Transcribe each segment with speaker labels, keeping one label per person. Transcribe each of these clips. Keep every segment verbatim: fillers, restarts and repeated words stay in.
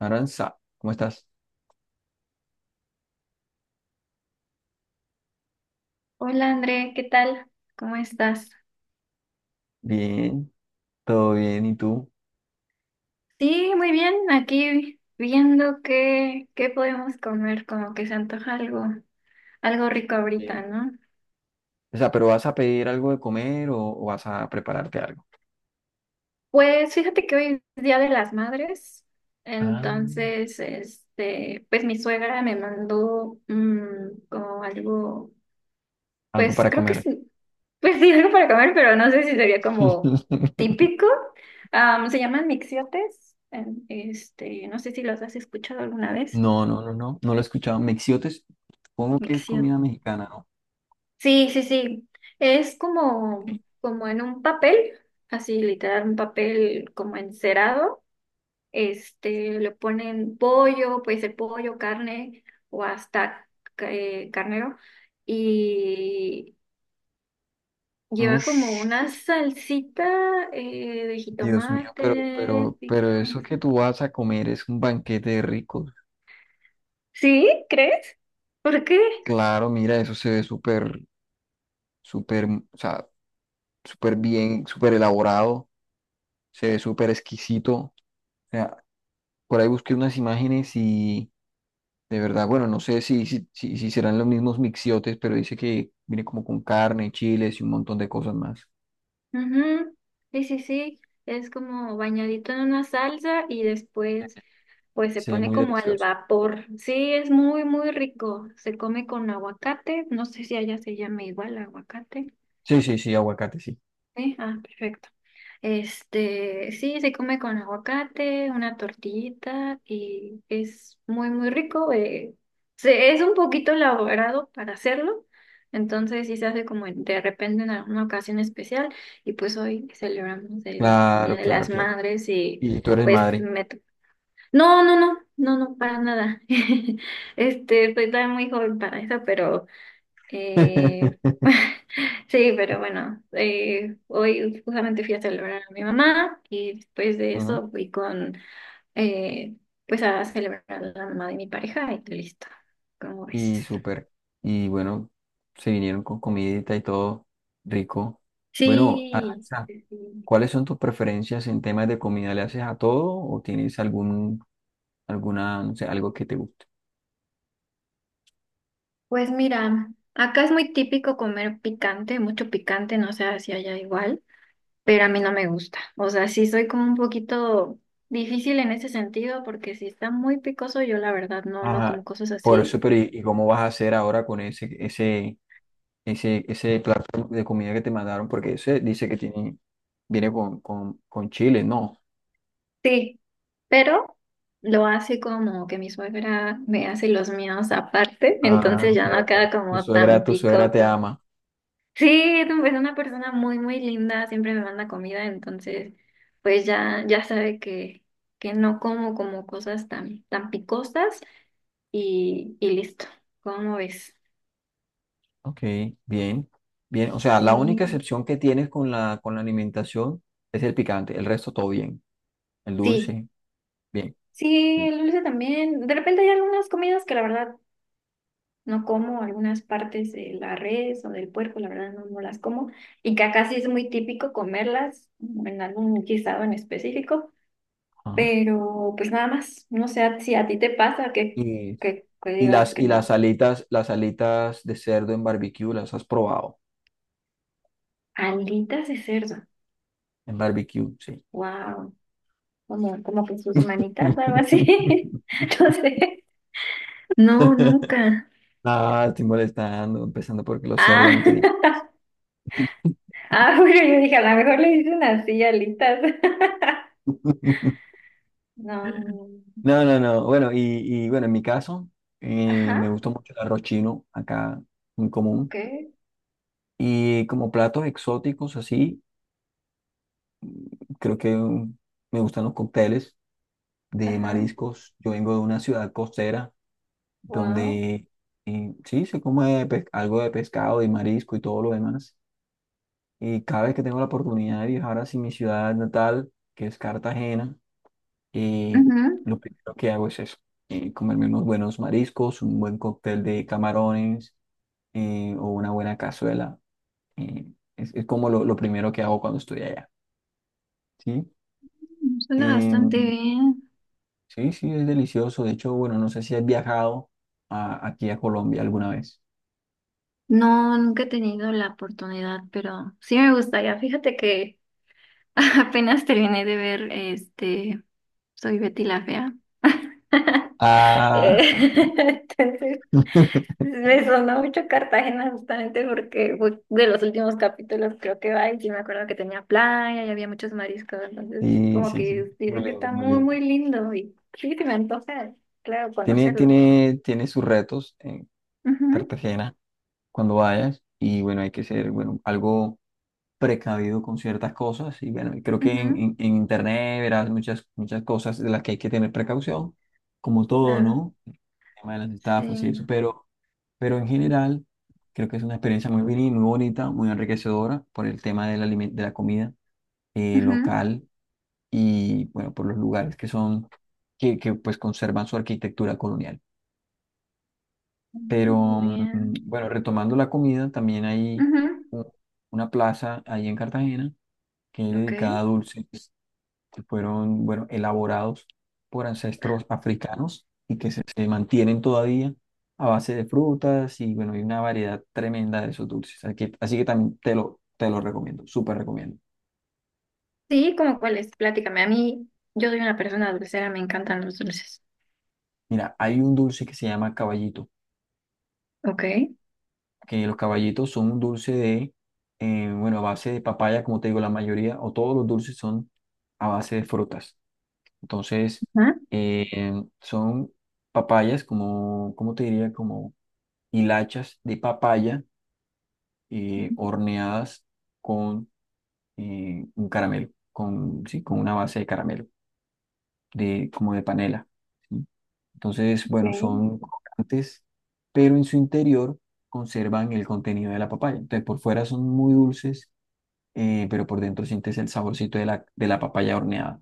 Speaker 1: Aranza, ¿cómo estás?
Speaker 2: Hola André, ¿qué tal? ¿Cómo estás?
Speaker 1: Bien, todo bien, ¿y tú?
Speaker 2: Sí, muy bien, aquí viendo qué, qué podemos comer, como que se antoja algo, algo rico
Speaker 1: Bien.
Speaker 2: ahorita, ¿no?
Speaker 1: O sea, ¿pero vas a pedir algo de comer o, o vas a prepararte algo?
Speaker 2: Pues fíjate que hoy es Día de las Madres,
Speaker 1: Ah,
Speaker 2: entonces, este, pues mi suegra me mandó mm, como algo,
Speaker 1: algo
Speaker 2: pues
Speaker 1: para
Speaker 2: creo que
Speaker 1: comer.
Speaker 2: sí, pues sí, algo para comer, pero no sé si sería como típico. Am, se llaman mixiotes, em, este, no sé si los has escuchado alguna vez.
Speaker 1: No, no, no, no, no lo he escuchado. Mexiotes, supongo que es
Speaker 2: Micción.
Speaker 1: comida mexicana, ¿no?
Speaker 2: Sí, sí, sí. Es como, como en un papel, así literal, un papel como encerado. Este, le ponen pollo, puede ser pollo, carne o hasta ca- eh, carnero. Y lleva como
Speaker 1: Ush,
Speaker 2: una salsita eh, de
Speaker 1: Dios mío, pero,
Speaker 2: jitomate,
Speaker 1: pero, pero eso que
Speaker 2: picante.
Speaker 1: tú vas a comer es un banquete de ricos.
Speaker 2: ¿Sí? ¿Crees? ¿Por qué?
Speaker 1: Claro, mira, eso se ve súper, súper, o sea, súper bien, súper elaborado, se ve súper exquisito. O sea. Por ahí busqué unas imágenes y de verdad, bueno, no sé si, si, si, si serán los mismos mixiotes, pero dice que viene como con carne, chiles y un montón de cosas más.
Speaker 2: Ujú. Sí, sí, sí, es como bañadito en una salsa y después pues se
Speaker 1: Se ve
Speaker 2: pone
Speaker 1: muy
Speaker 2: como al
Speaker 1: delicioso.
Speaker 2: vapor. Sí, es muy, muy rico. Se come con aguacate, no sé si allá se llama igual aguacate.
Speaker 1: Sí, sí, sí, aguacate, sí.
Speaker 2: Sí, ah, perfecto. Este, sí, se come con aguacate, una tortillita y es muy, muy rico. Eh, se, es un poquito elaborado para hacerlo, entonces sí se hace como en- de repente en alguna ocasión especial y pues hoy celebramos el, el Día
Speaker 1: Claro,
Speaker 2: de
Speaker 1: claro,
Speaker 2: las
Speaker 1: claro.
Speaker 2: Madres y
Speaker 1: Y tú eres
Speaker 2: pues
Speaker 1: madre.
Speaker 2: me... to- No, no, no, no, no, para nada. Este, estoy todavía muy joven para eso, pero... Eh, sí, pero bueno, eh, hoy justamente fui a celebrar a mi mamá y después de
Speaker 1: Ujú.
Speaker 2: eso fui con, eh, pues a celebrar a la mamá de mi pareja y listo. ¿Cómo ves?
Speaker 1: Y súper. Y bueno, se vinieron con comidita y todo rico. Bueno,
Speaker 2: Sí,
Speaker 1: Aranza,
Speaker 2: sí.
Speaker 1: ¿cuáles son tus preferencias en temas de comida? ¿Le haces a todo o tienes algún, alguna, no sé, algo que te guste?
Speaker 2: Pues mira, acá es muy típico comer picante, mucho picante, no sé si allá igual, pero a mí no me gusta. O sea, sí soy como un poquito difícil en ese sentido porque si está muy picoso, yo la verdad no, no
Speaker 1: Ajá,
Speaker 2: como cosas
Speaker 1: por
Speaker 2: así.
Speaker 1: eso, pero ¿y, y cómo vas a hacer ahora con ese, ese, ese, ese plato de comida que te mandaron? Porque ese dice que tiene, viene con, con, con chile, ¿no?
Speaker 2: Sí, pero lo hace como que mi suegra me hace los míos aparte,
Speaker 1: Ah,
Speaker 2: entonces
Speaker 1: ok,
Speaker 2: ya no
Speaker 1: ok.
Speaker 2: queda
Speaker 1: Tu
Speaker 2: como
Speaker 1: suegra,
Speaker 2: tan
Speaker 1: tu suegra te
Speaker 2: picoso.
Speaker 1: ama.
Speaker 2: Sí, es una persona muy, muy linda, siempre me manda comida, entonces pues ya, ya sabe que, que no como como cosas tan, tan picosas y, y listo. ¿Cómo ves?
Speaker 1: Ok, bien, bien. O sea, la única
Speaker 2: Sí,
Speaker 1: excepción que tienes con la, con la alimentación es el picante. El resto todo bien. El
Speaker 2: sí,
Speaker 1: dulce, bien,
Speaker 2: sí,
Speaker 1: bien.
Speaker 2: el dulce también. De repente hay algunas comidas que la verdad no como algunas partes de la res o del puerco, la verdad no, no las como. Y que acá sí es muy típico comerlas mm, en algún guisado en específico,
Speaker 1: Ajá.
Speaker 2: pero pues nada más. No sé si a ti te pasa que,
Speaker 1: Y,
Speaker 2: que, que
Speaker 1: y
Speaker 2: digas
Speaker 1: las,
Speaker 2: que
Speaker 1: y las
Speaker 2: no.
Speaker 1: alitas, las alitas de cerdo en barbecue, ¿las has probado?
Speaker 2: Alitas de cerdo.
Speaker 1: En barbecue, sí.
Speaker 2: Wow. Como, como que sus manitas o algo así. No sé. No, nunca.
Speaker 1: Ah, estoy molestando, empezando porque los cerdos
Speaker 2: Ah,
Speaker 1: no tienen clase.
Speaker 2: ah, bueno, yo dije, a lo mejor le dicen así, alitas. No, no, no.
Speaker 1: No, no, no. Bueno, y, y bueno, en mi caso, eh, me
Speaker 2: Ajá,
Speaker 1: gusta mucho el arroz chino, acá muy
Speaker 2: ok.
Speaker 1: común. Y como platos exóticos, así, creo que mm, me gustan los cócteles de
Speaker 2: Ajá,
Speaker 1: mariscos. Yo vengo de una ciudad costera
Speaker 2: wow.
Speaker 1: donde eh, sí se come pe- algo de pescado y marisco y todo lo demás. Y cada vez que tengo la oportunidad de viajar hacia mi ciudad natal, que es Cartagena, eh,
Speaker 2: Ujú.
Speaker 1: lo primero que hago es eso, eh, comerme unos buenos mariscos, un buen cóctel de camarones eh, o una buena cazuela. eh, es, es como lo, lo primero que hago cuando estoy allá, ¿sí?
Speaker 2: Suena bastante
Speaker 1: Em,
Speaker 2: bien.
Speaker 1: sí, sí, es delicioso. De hecho, bueno, no sé si has viajado a- aquí a Colombia alguna vez.
Speaker 2: No, nunca he tenido la oportunidad, pero sí me gustaría. Fíjate que apenas terminé de ver este, Soy Betty la Fea.
Speaker 1: Ah,
Speaker 2: Eh, Entonces, me sonó mucho Cartagena justamente porque fue de los últimos capítulos creo que va y sí me acuerdo que tenía playa y había muchos mariscos, entonces
Speaker 1: sí,
Speaker 2: como
Speaker 1: sí, sí,
Speaker 2: que
Speaker 1: muy
Speaker 2: dicen que
Speaker 1: lindo,
Speaker 2: está
Speaker 1: muy
Speaker 2: muy,
Speaker 1: lindo.
Speaker 2: muy lindo y sí, sí me antoja, claro,
Speaker 1: Tiene,
Speaker 2: conocerlo.
Speaker 1: tiene, tiene sus retos en
Speaker 2: Ujú.
Speaker 1: Cartagena. Cuando vayas y bueno, hay que ser, bueno, algo precavido con ciertas cosas y bueno, creo que en,
Speaker 2: Ujú,
Speaker 1: en- en internet verás muchas, muchas cosas de las que hay que tener precaución, como todo,
Speaker 2: claro,
Speaker 1: ¿no? El tema de las
Speaker 2: sí.
Speaker 1: estafas y eso, pero, pero en general creo que es una experiencia muy bien, muy bonita, muy enriquecedora por el tema del aliment- de la comida eh,
Speaker 2: Ujú,
Speaker 1: local y bueno, por los lugares que son, que, que pues conservan su arquitectura colonial.
Speaker 2: muy
Speaker 1: Pero mm,
Speaker 2: bien.
Speaker 1: bueno, retomando la comida, también hay
Speaker 2: Ujú,
Speaker 1: u- una plaza ahí en Cartagena que es
Speaker 2: ok.
Speaker 1: dedicada a dulces que fueron, bueno, elaborados por ancestros africanos y que se, se mantienen todavía a base de frutas y bueno, hay una variedad tremenda de esos dulces. Así que, así que también te lo, te lo recomiendo, súper recomiendo.
Speaker 2: Sí, ¿cómo cuál es? Platícame. A mí, yo soy una persona dulcera, me encantan los dulces.
Speaker 1: Mira, hay un dulce que se llama caballito.
Speaker 2: Ok.
Speaker 1: Que los caballitos son un dulce de, eh, bueno, a base de papaya, como te digo, la mayoría o todos los dulces son a base de frutas. Entonces,
Speaker 2: Ajá.
Speaker 1: eh, son papayas como, ¿cómo te diría? Como hilachas de papaya eh, horneadas con eh, un caramelo, con, sí, con una base de caramelo, de, como de panela. ¿Sí? Entonces, bueno,
Speaker 2: Okay,
Speaker 1: son crocantes, pero en su interior conservan el contenido de la papaya. Entonces, por fuera son muy dulces eh, pero por dentro sientes el saborcito de la, de la papaya horneada.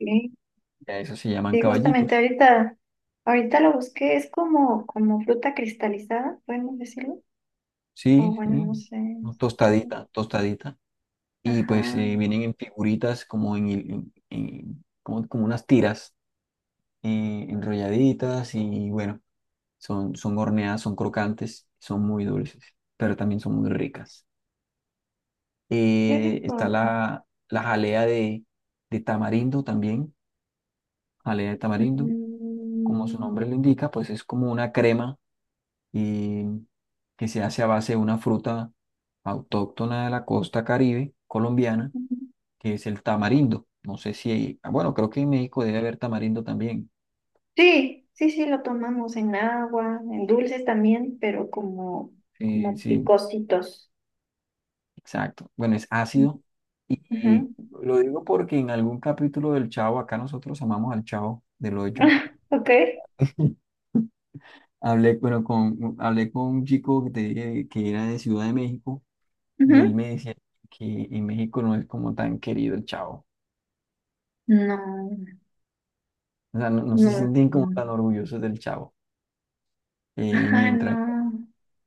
Speaker 2: okay.
Speaker 1: A eso se llaman
Speaker 2: Sí, justamente
Speaker 1: caballitos.
Speaker 2: ahorita, ahorita lo busqué, es como, como fruta cristalizada, podemos decirlo. O
Speaker 1: Sí,
Speaker 2: bueno, no
Speaker 1: sí,
Speaker 2: sé.
Speaker 1: no,
Speaker 2: Sí.
Speaker 1: tostadita, tostadita. Y pues
Speaker 2: Ajá,
Speaker 1: eh, vienen en figuritas como en, en- en- como, como unas tiras eh, enrolladitas y bueno, son, son horneadas, son crocantes, son muy dulces, pero también son muy ricas.
Speaker 2: qué
Speaker 1: Eh, está
Speaker 2: rico.
Speaker 1: la, la jalea de, de tamarindo también, jalea de tamarindo, como su
Speaker 2: Mm.
Speaker 1: nombre lo indica, pues es como una crema y que se hace a base de una fruta autóctona de la costa Caribe colombiana, que es el tamarindo. No sé si, hay- ah, bueno, creo que en México debe haber tamarindo también.
Speaker 2: Sí, sí, sí, lo tomamos en agua, en dulces también, pero como,
Speaker 1: Sí,
Speaker 2: como
Speaker 1: sí,
Speaker 2: picositos.
Speaker 1: exacto. Bueno, es ácido. Y, y
Speaker 2: Ujú.
Speaker 1: lo digo porque en algún capítulo del Chavo, acá nosotros amamos al Chavo del Hoyo.
Speaker 2: Ok.
Speaker 1: Hablé, bueno, con, hablé con un chico que, te dije que era de Ciudad de México y él
Speaker 2: Ujú.
Speaker 1: me decía que en México no es como tan querido el Chavo.
Speaker 2: No,
Speaker 1: O sea, no, no se
Speaker 2: no.
Speaker 1: sienten como tan orgullosos del Chavo. Y
Speaker 2: Ajá,
Speaker 1: mientras
Speaker 2: no.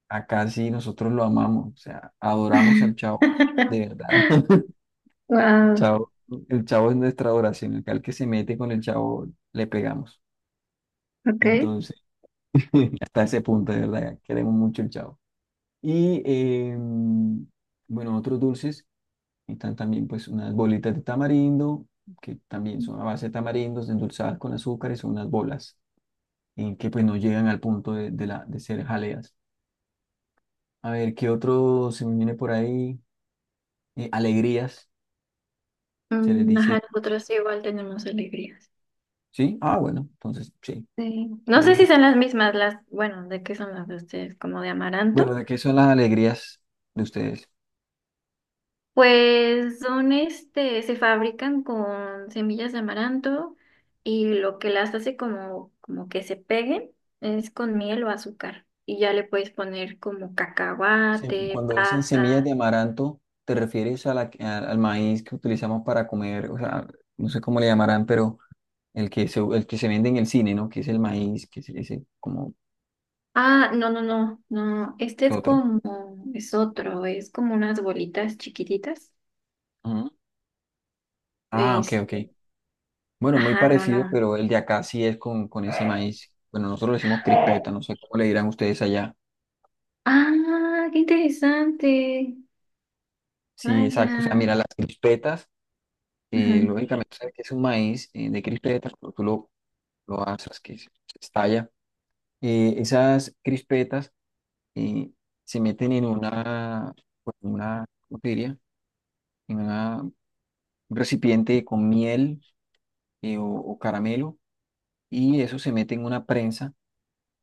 Speaker 1: acá sí nosotros lo amamos, o sea, adoramos al Chavo, de verdad. El
Speaker 2: Wow,
Speaker 1: Chavo, el Chavo es nuestra adoración. Acá el que se mete con el Chavo le pegamos.
Speaker 2: ok.
Speaker 1: Entonces, hasta ese punto, de verdad, queremos mucho el Chavo. Y eh, bueno, otros dulces, están también pues unas bolitas de tamarindo, que también son a base de tamarindos endulzadas con azúcar y son unas bolas, en que pues no llegan al punto de, de la, de ser jaleas. A ver, ¿qué otro se me viene por ahí? Eh, alegrías, se les
Speaker 2: Mm,
Speaker 1: dice.
Speaker 2: ajá, nosotros sí igual tenemos alegrías.
Speaker 1: ¿Sí? Ah, bueno, entonces sí.
Speaker 2: Sí. No sé
Speaker 1: Eh,
Speaker 2: si son las mismas, las, bueno, ¿de qué son las de ustedes? ¿Como de
Speaker 1: bueno,
Speaker 2: amaranto?
Speaker 1: ¿de qué son las alegrías de ustedes?
Speaker 2: Pues son este, se fabrican con semillas de amaranto y lo que las hace como, como que se peguen es con miel o azúcar. Y ya le puedes poner como
Speaker 1: Se-
Speaker 2: cacahuate,
Speaker 1: cuando dicen semillas de
Speaker 2: pasa.
Speaker 1: amaranto, ¿te refieres a la, que- a- al maíz que utilizamos para comer? O sea, no sé cómo le llamarán, pero el que se, el que se vende en el cine, ¿no? Que es el maíz, que es ese, como
Speaker 2: Ah, no, no, no, no. Este
Speaker 1: es
Speaker 2: es
Speaker 1: otro.
Speaker 2: como, es otro, es como unas bolitas chiquititas.
Speaker 1: Ujú. Ah, ok, ok.
Speaker 2: Este,
Speaker 1: Bueno, muy
Speaker 2: ajá, no,
Speaker 1: parecido,
Speaker 2: no.
Speaker 1: pero el de acá sí es con, con ese maíz. Bueno, nosotros le decimos crispeta, no sé cómo le dirán ustedes allá.
Speaker 2: Ah, qué interesante.
Speaker 1: Sí,
Speaker 2: Vaya.
Speaker 1: exacto. O sea, mira, las crispetas, eh,
Speaker 2: Ujú,
Speaker 1: lógicamente, sabes que es un maíz eh, de crispetas, cuando tú lo, lo asas, que se, se estalla. Eh, esas crispetas eh, se meten en una, pues, en una, ¿cómo te diría? En una- un recipiente con miel eh, o, o caramelo, y eso se mete en una prensa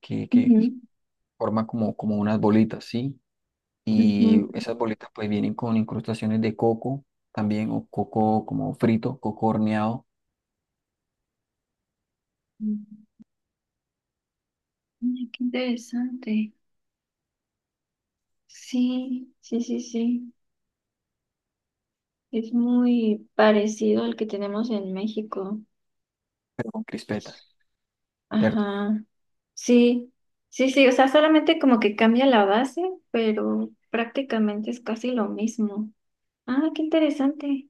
Speaker 1: que, que
Speaker 2: ujú,
Speaker 1: forma como, como unas bolitas, ¿sí? Y esas bolitas, pues, vienen con incrustaciones de coco también, o coco como frito, coco horneado,
Speaker 2: ujú. Ay, qué interesante. Sí, sí, sí, sí. Es muy parecido al que tenemos en México.
Speaker 1: pero con crispetas. Cierto,
Speaker 2: Ajá. Sí, sí, sí. O sea, solamente como que cambia la base, pero prácticamente es casi lo mismo. Ah, qué interesante.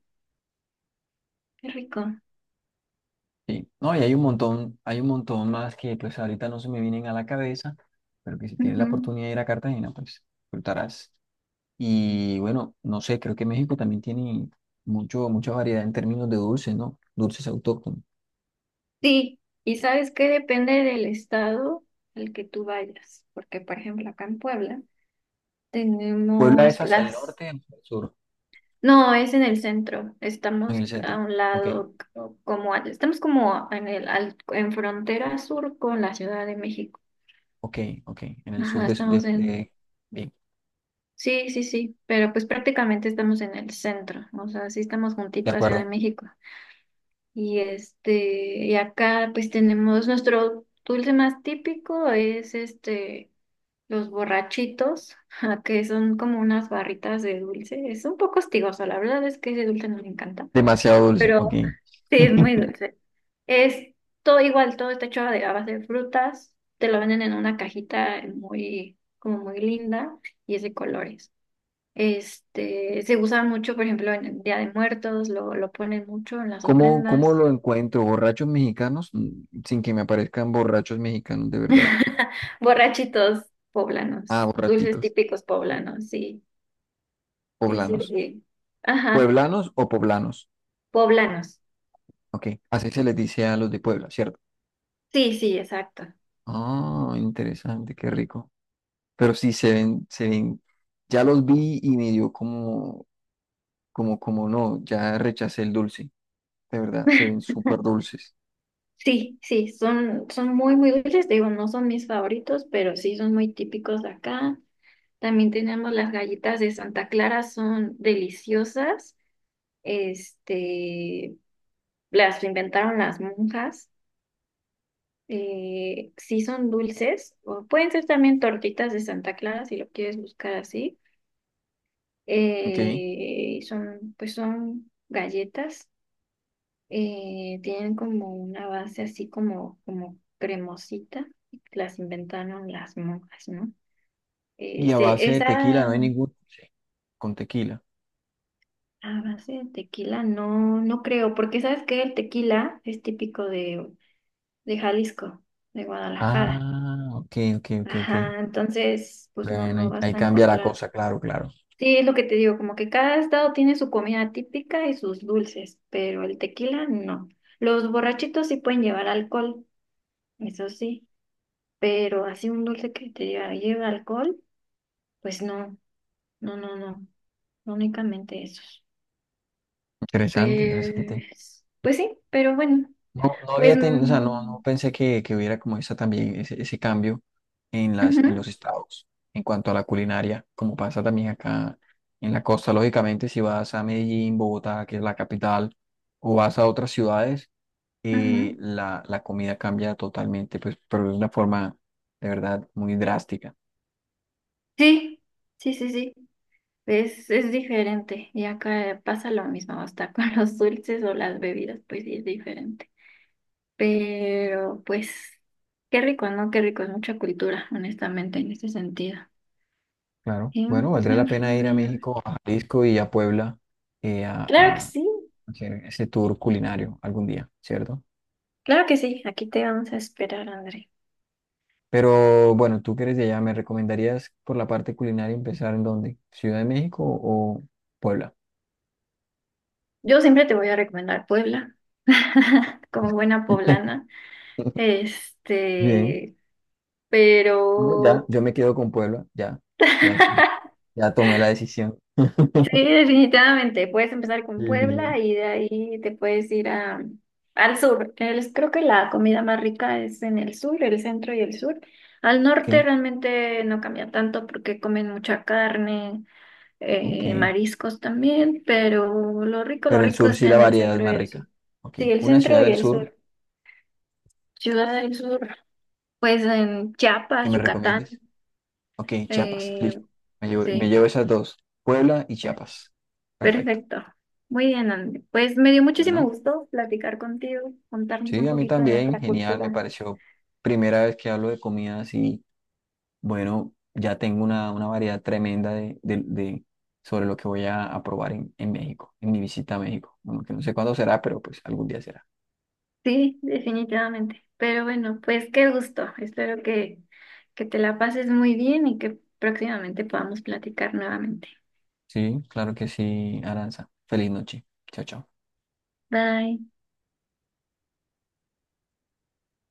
Speaker 2: Qué rico.
Speaker 1: sí. No, y hay un montón, hay un montón más que pues ahorita no se me vienen a la cabeza, pero que si tienes la
Speaker 2: Ujú.
Speaker 1: oportunidad de ir a Cartagena, pues disfrutarás. Y bueno, no sé, creo que México también tiene mucho, mucha variedad en términos de dulces, ¿no? Dulces autóctonos.
Speaker 2: Sí, y sabes que depende del estado al que tú vayas, porque por ejemplo acá en Puebla
Speaker 1: Puebla es
Speaker 2: tenemos
Speaker 1: hacia el
Speaker 2: las...
Speaker 1: norte, o hacia el sur,
Speaker 2: No, es en el centro.
Speaker 1: en
Speaker 2: Estamos
Speaker 1: el
Speaker 2: a
Speaker 1: centro.
Speaker 2: un
Speaker 1: Ok,
Speaker 2: lado, co- como a- estamos como en el al- en frontera sur con la Ciudad de México.
Speaker 1: ok, ok. En el sur
Speaker 2: Ajá,
Speaker 1: de,
Speaker 2: estamos
Speaker 1: de,
Speaker 2: en...
Speaker 1: de- bien,
Speaker 2: Sí, sí, sí, pero pues prácticamente estamos en el centro, o sea, sí estamos
Speaker 1: de
Speaker 2: juntito a Ciudad de
Speaker 1: acuerdo.
Speaker 2: México. Y este, y acá pues tenemos nuestro dulce más típico es este los borrachitos, que son como unas barritas de dulce. Es un poco hostigoso, la verdad es que ese dulce nos encanta.
Speaker 1: Demasiado dulce, ok.
Speaker 2: Pero sí, es muy dulce. Es todo igual, todo está hecho de a base de frutas, te lo venden en una cajita muy, como muy linda y es de colores. Este, se usa mucho, por ejemplo, en el Día de Muertos, lo, lo ponen mucho en las
Speaker 1: ¿Cómo, cómo
Speaker 2: ofrendas.
Speaker 1: lo encuentro? ¿Borrachos mexicanos? Mm, sin que me aparezcan borrachos mexicanos, de verdad.
Speaker 2: Borrachitos
Speaker 1: Ah,
Speaker 2: poblanos, dulces
Speaker 1: borrachitos,
Speaker 2: típicos poblanos, sí, sí, sí,
Speaker 1: poblanos.
Speaker 2: sí. Ajá,
Speaker 1: ¿Pueblanos o poblanos?
Speaker 2: poblanos.
Speaker 1: Ok, así se les dice a los de Puebla, ¿cierto?
Speaker 2: Sí, sí, exacto.
Speaker 1: Ah, interesante, qué rico. Pero sí se ven, se ven, ya los vi y me dio como, como, como no, ya rechacé el dulce, de verdad, se ven súper dulces.
Speaker 2: Sí, sí, son, son muy, muy dulces. Te digo, no son mis favoritos, pero sí son muy típicos de acá. También tenemos las galletas de Santa Clara, son deliciosas. Este, las inventaron las monjas. Eh, sí son dulces. O pueden ser también tortitas de Santa Clara, si lo quieres buscar así.
Speaker 1: Ok,
Speaker 2: Eh, son, pues son galletas. Eh, tienen como una base así como, como cremosita, las inventaron las monjas, ¿no?
Speaker 1: y a
Speaker 2: Este,
Speaker 1: base de
Speaker 2: esa
Speaker 1: tequila, no hay ningún dulce con tequila.
Speaker 2: A base de tequila no, no creo, porque sabes que el tequila es típico de, de Jalisco, de Guadalajara.
Speaker 1: Ah, ok, ok, ok, ok.
Speaker 2: Ajá, entonces, pues no,
Speaker 1: Bueno,
Speaker 2: no
Speaker 1: ahí,
Speaker 2: vas
Speaker 1: ahí
Speaker 2: a
Speaker 1: cambia la
Speaker 2: encontrar.
Speaker 1: cosa, claro, claro.
Speaker 2: Sí, es lo que te digo, como que cada estado tiene su comida típica y sus dulces, pero el tequila no. Los borrachitos sí pueden llevar alcohol, eso sí, pero así un dulce que te diga, lleva alcohol, pues no, no, no, no, no únicamente esos.
Speaker 1: Interesante, interesante.
Speaker 2: Pues, pues sí, pero bueno,
Speaker 1: No, no
Speaker 2: pues,
Speaker 1: había tenido, o sea, no,
Speaker 2: mm,
Speaker 1: no pensé que, que hubiera como esa también ese, ese cambio en las,
Speaker 2: ujú,
Speaker 1: en los estados en cuanto a la culinaria, como pasa también acá en la costa. Lógicamente, si vas a Medellín, Bogotá, que es la capital, o vas a otras ciudades, eh,
Speaker 2: ujú.
Speaker 1: la, la comida cambia totalmente, pues, pero de una forma de verdad muy drástica.
Speaker 2: Sí, sí, sí, sí, es, es diferente y acá pasa lo mismo, hasta con los dulces o las bebidas, pues sí es diferente, pero pues, qué rico, ¿no? Qué rico, es mucha cultura, honestamente, en ese sentido.
Speaker 1: Claro.
Speaker 2: Sí,
Speaker 1: Bueno, valdría
Speaker 2: me-
Speaker 1: la pena ir a
Speaker 2: me-
Speaker 1: México, a Jalisco y a Puebla eh, a,
Speaker 2: claro que
Speaker 1: a
Speaker 2: sí.
Speaker 1: hacer ese tour culinario algún día, ¿cierto?
Speaker 2: Claro que sí, aquí te vamos a esperar, André.
Speaker 1: Pero bueno, tú que eres de allá, ¿me recomendarías por la parte culinaria empezar en dónde? ¿Ciudad de México o Puebla?
Speaker 2: Yo siempre te voy a recomendar Puebla, como buena poblana.
Speaker 1: Bien,
Speaker 2: Este,
Speaker 1: no, ya,
Speaker 2: pero
Speaker 1: yo me quedo con Puebla, ya, ya, ya, ya tomé la decisión.
Speaker 2: sí, definitivamente, puedes empezar
Speaker 1: Sí,
Speaker 2: con
Speaker 1: sí, sí.
Speaker 2: Puebla y de ahí te puedes ir a, al sur. El- creo que la comida más rica es en el sur, el centro y el sur. Al norte realmente no cambia tanto porque comen mucha carne.
Speaker 1: Ok, ok.
Speaker 2: Eh, mariscos también, pero lo rico, lo
Speaker 1: Pero el
Speaker 2: rico
Speaker 1: sur sí
Speaker 2: está
Speaker 1: la
Speaker 2: en el
Speaker 1: variedad es
Speaker 2: centro y
Speaker 1: más
Speaker 2: el sur.
Speaker 1: rica. Ok,
Speaker 2: Sí, el
Speaker 1: una ciudad
Speaker 2: centro y
Speaker 1: del
Speaker 2: el
Speaker 1: sur
Speaker 2: sur. Ciudad del Sur, pues en
Speaker 1: que
Speaker 2: Chiapas,
Speaker 1: me
Speaker 2: Yucatán.
Speaker 1: recomiendes. Ok, Chiapas,
Speaker 2: eh,
Speaker 1: listo. Me llevo, me
Speaker 2: sí,
Speaker 1: llevo esas dos, Puebla y Chiapas. Perfecto.
Speaker 2: perfecto. Muy bien, Andy. Pues me dio muchísimo
Speaker 1: Bueno,
Speaker 2: gusto platicar contigo, contarnos
Speaker 1: sí,
Speaker 2: un
Speaker 1: a mí
Speaker 2: poquito de
Speaker 1: también,
Speaker 2: nuestra
Speaker 1: genial, me
Speaker 2: cultura.
Speaker 1: pareció primera vez que hablo de comidas. Bueno, ya tengo una, una variedad tremenda de, de- de- sobre lo que voy a, a probar en, en México, en mi visita a México. Bueno, que no sé cuándo será, pero pues algún día será.
Speaker 2: Sí, definitivamente. Pero bueno, pues qué gusto. Espero que, que te la pases muy bien y que próximamente podamos platicar nuevamente.
Speaker 1: Sí, claro que sí, Aranza. Feliz noche. Chao, chao.
Speaker 2: Bye.